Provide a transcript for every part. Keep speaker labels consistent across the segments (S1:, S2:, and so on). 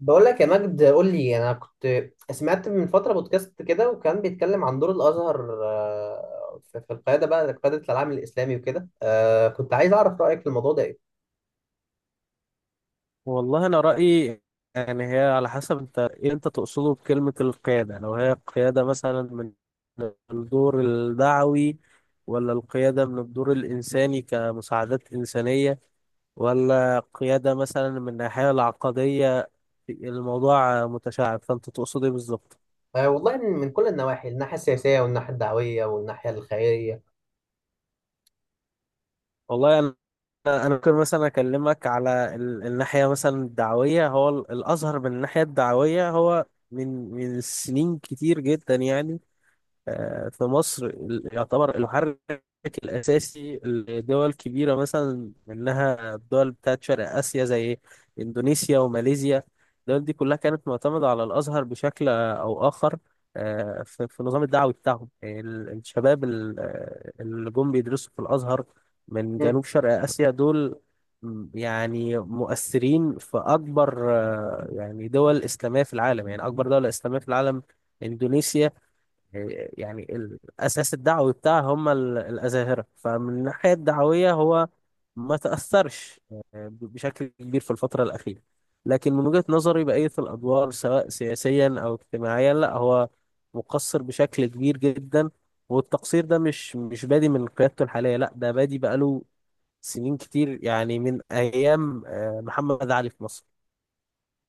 S1: بقول لك يا مجد، قول لي. انا كنت سمعت من فتره بودكاست كده، وكان بيتكلم عن دور الازهر، في القياده، بقى قياده العالم الاسلامي وكده. كنت عايز اعرف رايك في الموضوع ده ايه؟
S2: والله انا رايي، يعني هي على حسب انت ايه انت تقصده بكلمه القياده، لو هي قياده مثلا من الدور الدعوي، ولا القياده من الدور الانساني كمساعدات انسانيه، ولا قياده مثلا من الناحيه العقديه. الموضوع متشعب، فانت تقصد ايه بالظبط؟
S1: والله من كل النواحي، الناحيه السياسيه والناحيه الدعويه والناحيه الخيريه.
S2: والله انا ممكن مثلا اكلمك على الناحيه مثلا الدعويه. هو الازهر من الناحيه الدعويه هو من سنين كتير جدا، يعني في مصر يعتبر المحرك الأساسي لدول كبيرة، مثلا منها الدول بتاعت شرق آسيا زي إندونيسيا وماليزيا. الدول دي كلها كانت معتمدة على الأزهر بشكل أو آخر، في النظام الدعوي بتاعهم. يعني الشباب اللي جم بيدرسوا في الأزهر من
S1: مم.
S2: جنوب شرق آسيا دول، يعني مؤثرين في أكبر يعني دول إسلامية في العالم. يعني أكبر دولة إسلامية في العالم إندونيسيا، يعني الأساس الدعوي بتاعها هم الأزاهرة. فمن الناحية الدعوية هو ما تأثرش بشكل كبير في الفترة الأخيرة، لكن من وجهة نظري بقية الأدوار سواء سياسيا أو اجتماعيا، لا هو مقصر بشكل كبير جدا. والتقصير ده مش بادي من قيادته الحالية، لا ده بادي بقاله سنين كتير، يعني من أيام محمد علي في مصر.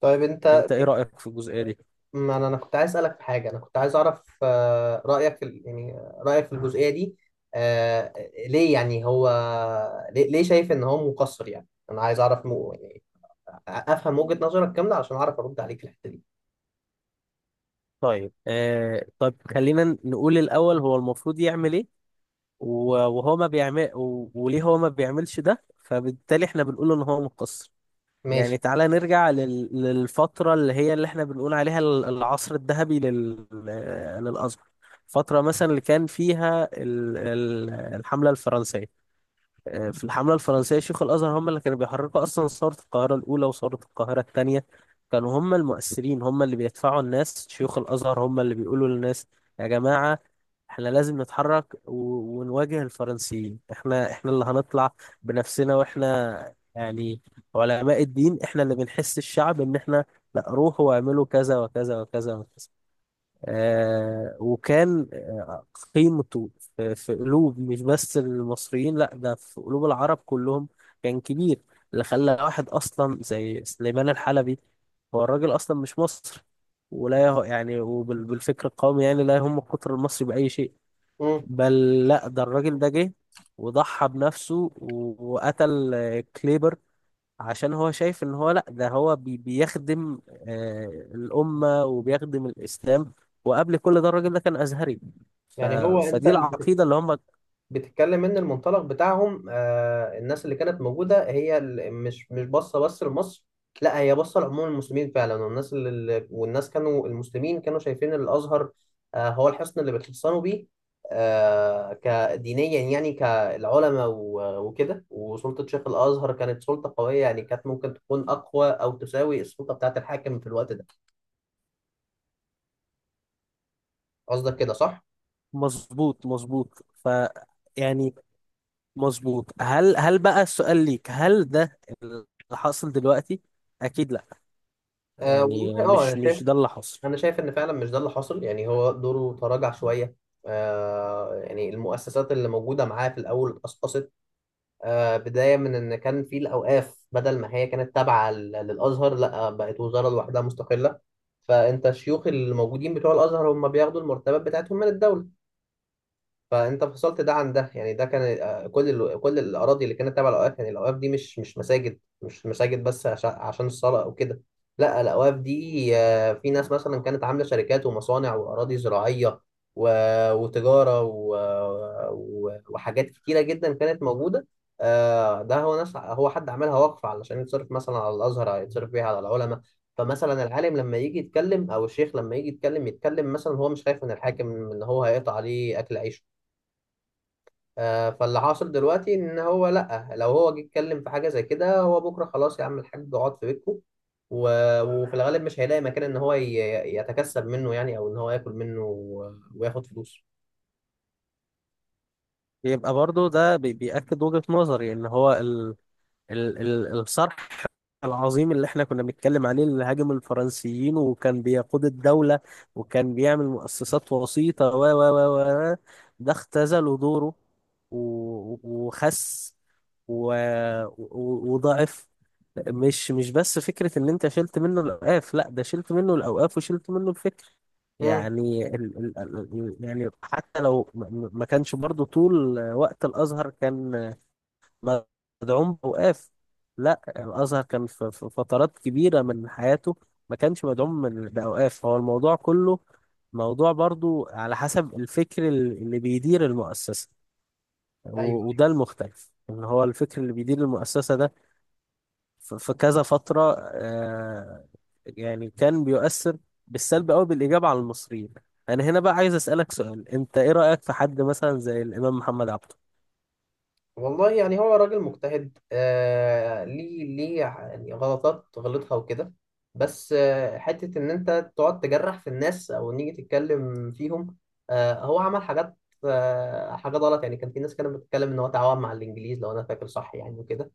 S1: طيب انت.
S2: أنت إيه رأيك في الجزئية دي؟
S1: ما أنا كنت عايز اسالك في حاجه، انا كنت عايز اعرف رايك في يعني رايك في الجزئيه دي. آه، ليه؟ يعني هو ليه شايف ان هو مقصر؟ يعني انا عايز اعرف، افهم وجهة نظرك كاملة عشان اعرف ارد عليك في الحتة دي.
S2: طيب آه طب خلينا نقول الأول، هو المفروض يعمل إيه وهو ما بيعمل وليه هو ما بيعملش ده، فبالتالي احنا بنقول ان هو مقصر. يعني
S1: ماشي.
S2: تعالى نرجع للفترة اللي هي اللي احنا بنقول عليها العصر الذهبي للأزهر، فترة مثلا اللي كان فيها الحملة الفرنسية. في الحملة الفرنسية شيوخ الأزهر هم اللي كانوا بيحركوا أصلا ثورة القاهرة الأولى وثورة القاهرة الثانية. كانوا هم المؤثرين، هم اللي بيدفعوا الناس، شيوخ الأزهر هم اللي بيقولوا للناس: يا جماعة، احنا لازم نتحرك ونواجه الفرنسيين. احنا اللي هنطلع بنفسنا، واحنا يعني علماء الدين، احنا اللي بنحس الشعب ان احنا لا، روحوا واعملوا كذا وكذا وكذا وكذا. وكان قيمته في قلوب مش بس المصريين، لا ده في قلوب العرب كلهم، كان كبير. اللي خلى واحد اصلا زي سليمان الحلبي، هو الراجل اصلا مش مصري ولا يعني، وبالفكر القومي يعني لا يهم القطر المصري بأي شيء.
S1: امم.
S2: بل لا ده الراجل ده جه وضحى بنفسه وقتل كليبر، عشان هو شايف ان هو لا ده هو بيخدم آه الأمة وبيخدم الإسلام. وقبل كل ده الراجل ده كان أزهري. ف
S1: يعني هو، انت
S2: فدي العقيدة اللي هم.
S1: بتتكلم ان المنطلق بتاعهم، الناس اللي كانت موجودة هي مش باصة بس لمصر، لا هي باصة لعموم المسلمين فعلا. والناس كانوا المسلمين كانوا شايفين إن الازهر هو الحصن اللي بيتحصنوا بيه كدينيا، يعني كالعلماء وكده. وسلطة شيخ الازهر كانت سلطة قوية، يعني كانت ممكن تكون اقوى او تساوي السلطة بتاعت الحاكم في الوقت ده. قصدك كده صح؟
S2: مظبوط، مظبوط. يعني مظبوط. هل بقى السؤال ليك، هل ده اللي حاصل دلوقتي؟ أكيد لا.
S1: أه والله،
S2: يعني
S1: انا
S2: مش
S1: شايف
S2: ده اللي حاصل.
S1: انا شايف ان فعلا مش ده اللي حصل. يعني هو دوره تراجع شويه. يعني المؤسسات اللي موجوده معاه في الاول اتقصقصت. بدايه من ان كان في الاوقاف، بدل ما هي كانت تابعه للازهر، لا بقت وزاره لوحدها مستقله. فانت الشيوخ اللي موجودين بتوع الازهر هم بياخدوا المرتبات بتاعتهم من الدوله، فانت فصلت ده عن ده. يعني ده كان، كل الاراضي اللي كانت تابعه للاوقاف. يعني الاوقاف دي مش مساجد، مش مساجد بس عشان الصلاه او كده، لا الاوقاف دي في ناس مثلا كانت عامله شركات ومصانع واراضي زراعيه و... وتجاره وحاجات كتيره جدا كانت موجوده. ده هو ناس، هو حد عملها وقف علشان يتصرف مثلا على الازهر، يتصرف بيها على العلماء. فمثلا العالم لما يجي يتكلم، او الشيخ لما يجي يتكلم مثلا هو مش خايف من الحاكم ان هو هيقطع عليه اكل عيشه. فاللي حاصل دلوقتي ان هو، لا لو هو جه اتكلم في حاجه زي كده، هو بكره خلاص يا عم الحاج اقعد في بيتكم. و... وفي الغالب مش هيلاقي مكان ان هو يتكسب منه، يعني او ان هو ياكل منه وياخد فلوس.
S2: يبقى برضو ده بيأكد وجهة نظري ان هو ال ال ال الصرح العظيم اللي احنا كنا بنتكلم عليه، اللي هاجم الفرنسيين وكان بيقود الدولة وكان بيعمل مؤسسات وسيطة و و و و ده اختزلوا دوره و- وخس و... وضعف. مش بس فكرة ان انت شلت منه الاوقاف، لا ده شلت منه الاوقاف وشلت منه الفكر.
S1: امم.
S2: يعني يعني حتى لو ما كانش برضو طول وقت الازهر كان مدعوم بأوقاف، لا الأزهر كان في فترات كبيرة من حياته ما كانش مدعوم بأوقاف. هو الموضوع كله موضوع برضو على حسب الفكر اللي بيدير المؤسسة، وده المختلف إن هو الفكر اللي بيدير المؤسسة ده في كذا فترة يعني كان بيؤثر بالسلب أو بالإيجاب على المصريين. أنا هنا بقى عايز أسألك سؤال، أنت إيه رأيك في حد مثلا زي الإمام محمد عبد؟
S1: والله يعني هو راجل مجتهد، ليه ليه يعني غلطات غلطها وكده، بس حتة إن أنت تقعد تجرح في الناس أو نيجي تتكلم فيهم. هو عمل حاجات، حاجات غلط. يعني كان في ناس كانت بتتكلم إن هو تعاون مع الإنجليز، لو أنا فاكر صح، يعني وكده.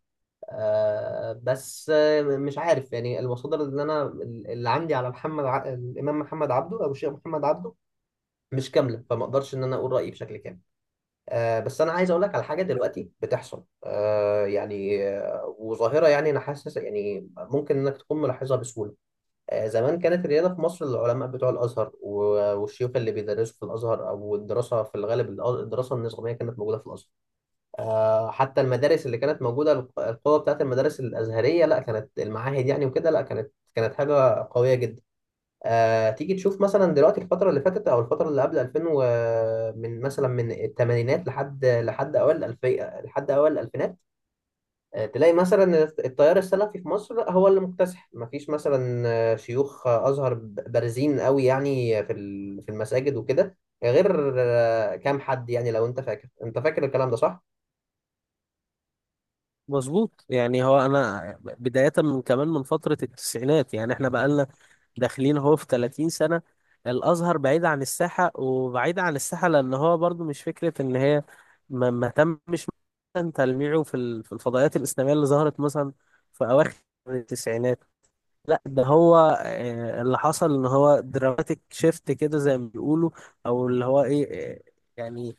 S1: بس مش عارف، يعني المصادر اللي أنا اللي عندي على الإمام محمد عبده أو الشيخ محمد عبده مش كاملة، فما أقدرش إن أنا أقول رأيي بشكل كامل. بس انا عايز اقول لك على حاجه دلوقتي بتحصل، يعني وظاهره. يعني انا حاسس يعني ممكن انك تكون ملاحظها بسهوله. زمان كانت الرياضه في مصر، العلماء بتوع الازهر والشيوخ اللي بيدرسوا في الازهر، او الدراسه في الغالب، الدراسه النظاميه كانت موجوده في الازهر. حتى المدارس اللي كانت موجوده، القوه بتاعت المدارس الازهريه، لا كانت المعاهد يعني وكده، لا كانت حاجه قويه جدا. تيجي تشوف مثلا دلوقتي الفترة اللي فاتت أو الفترة اللي قبل 2000 و، من مثلا من الثمانينات لحد أوائل الألفية لحد أوائل الألفينات. تلاقي مثلا التيار السلفي في مصر هو اللي مكتسح. مفيش مثلا شيوخ أزهر بارزين قوي يعني في في المساجد وكده، غير كام حد. يعني لو أنت فاكر، أنت فاكر الكلام ده صح؟
S2: مظبوط. يعني هو انا بداية من كمان من فترة التسعينات، يعني احنا بقالنا داخلين هو في 30 سنة الازهر بعيد عن الساحة. وبعيد عن الساحة لان هو برضو مش فكرة ان هي ما تمش مثلا تلميعه في في الفضائيات الاسلامية اللي ظهرت مثلا في اواخر التسعينات. لا ده هو اللي حصل ان هو دراماتيك شيفت كده زي ما بيقولوا، او اللي هو ايه يعني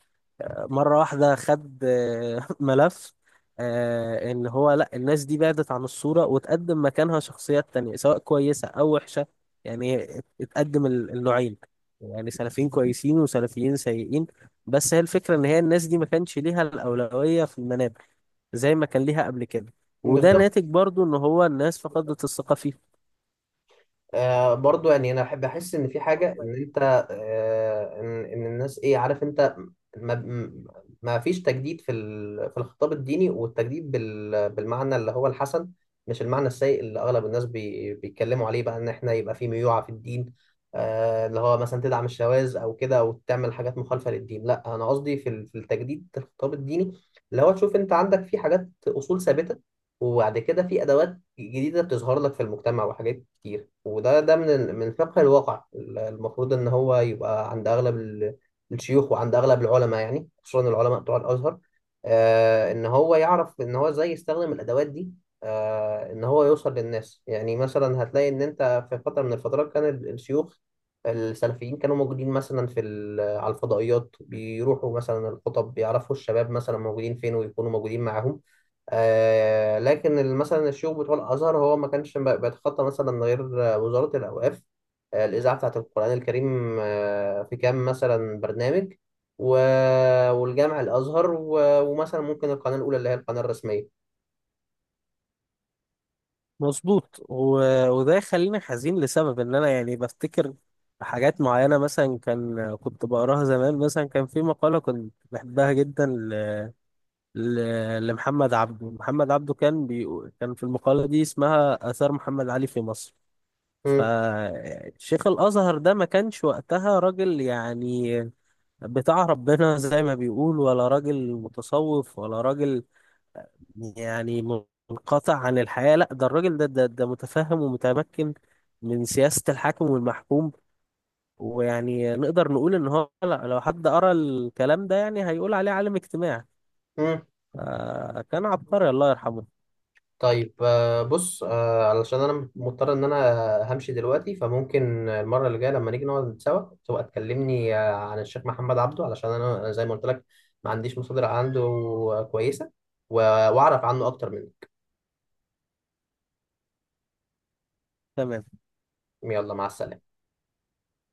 S2: مرة واحدة خد ملف ان هو لا الناس دي بعدت عن الصورة وتقدم مكانها شخصيات تانية سواء كويسة او وحشة. يعني اتقدم النوعين، يعني سلفيين كويسين وسلفيين سيئين. بس هي الفكرة ان هي الناس دي ما كانش ليها الأولوية في المنابر زي ما كان ليها قبل كده. وده
S1: بالظبط.
S2: ناتج برضو ان هو الناس فقدت الثقة فيه.
S1: برضو يعني انا احب احس ان في حاجه ان انت، ان الناس، ايه عارف انت ما م- ما فيش تجديد في في الخطاب الديني. والتجديد بالمعنى اللي هو الحسن، مش المعنى السيء اللي اغلب الناس بيتكلموا عليه بقى ان احنا يبقى في ميوعه في الدين. اللي هو مثلا تدعم الشواذ او كده، او تعمل حاجات مخالفه للدين، لا انا قصدي في في التجديد في الخطاب الديني اللي هو تشوف انت عندك في حاجات اصول ثابته، وبعد كده في ادوات جديدة بتظهر لك في المجتمع وحاجات كتير. وده ده من من فقه الواقع. المفروض إن هو يبقى عند أغلب الشيوخ وعند أغلب العلماء، يعني خصوصا العلماء بتوع الأزهر. إن هو يعرف إن هو إزاي يستخدم الأدوات دي، إن هو يوصل للناس. يعني مثلا هتلاقي إن أنت في فترة من الفترات كان الشيوخ السلفيين كانوا موجودين مثلا في على الفضائيات، بيروحوا مثلا الخطب، بيعرفوا الشباب مثلا موجودين فين، ويكونوا موجودين معاهم. لكن مثلا الشيوخ بتوع الازهر هو ما كانش بيتخطى مثلا غير وزاره الاوقاف، الاذاعه بتاعه القران الكريم، في كام مثلا برنامج و... والجامع الازهر ومثلا ممكن القناه الاولى اللي هي القناه الرسميه.
S2: مظبوط. وده يخليني حزين لسبب ان انا يعني بفتكر حاجات معينة، مثلا كان كنت بقراها زمان. مثلا كان في مقالة كنت بحبها جدا لمحمد عبده. محمد عبده كان بيقول، كان في المقالة دي اسمها آثار محمد علي في مصر،
S1: مم.
S2: فشيخ الأزهر ده ما كانش وقتها راجل يعني بتاع ربنا زي ما بيقول، ولا راجل متصوف، ولا راجل يعني منقطع عن الحياة. لا ده الراجل ده, متفهم ومتمكن من سياسة الحاكم والمحكوم. ويعني نقدر نقول ان هو لا، لو حد قرأ الكلام ده يعني هيقول عليه عالم اجتماع.
S1: مم.
S2: كان عبقري، الله يرحمه.
S1: طيب، بص، علشان انا مضطر ان انا همشي دلوقتي، فممكن المره اللي جايه لما نيجي نقعد سوا تبقى تكلمني عن الشيخ محمد عبده، علشان انا، أنا زي ما قلت لك ما عنديش مصادر عنده كويسه و- واعرف عنه اكتر منك.
S2: تمام.
S1: يلا، مع السلامه.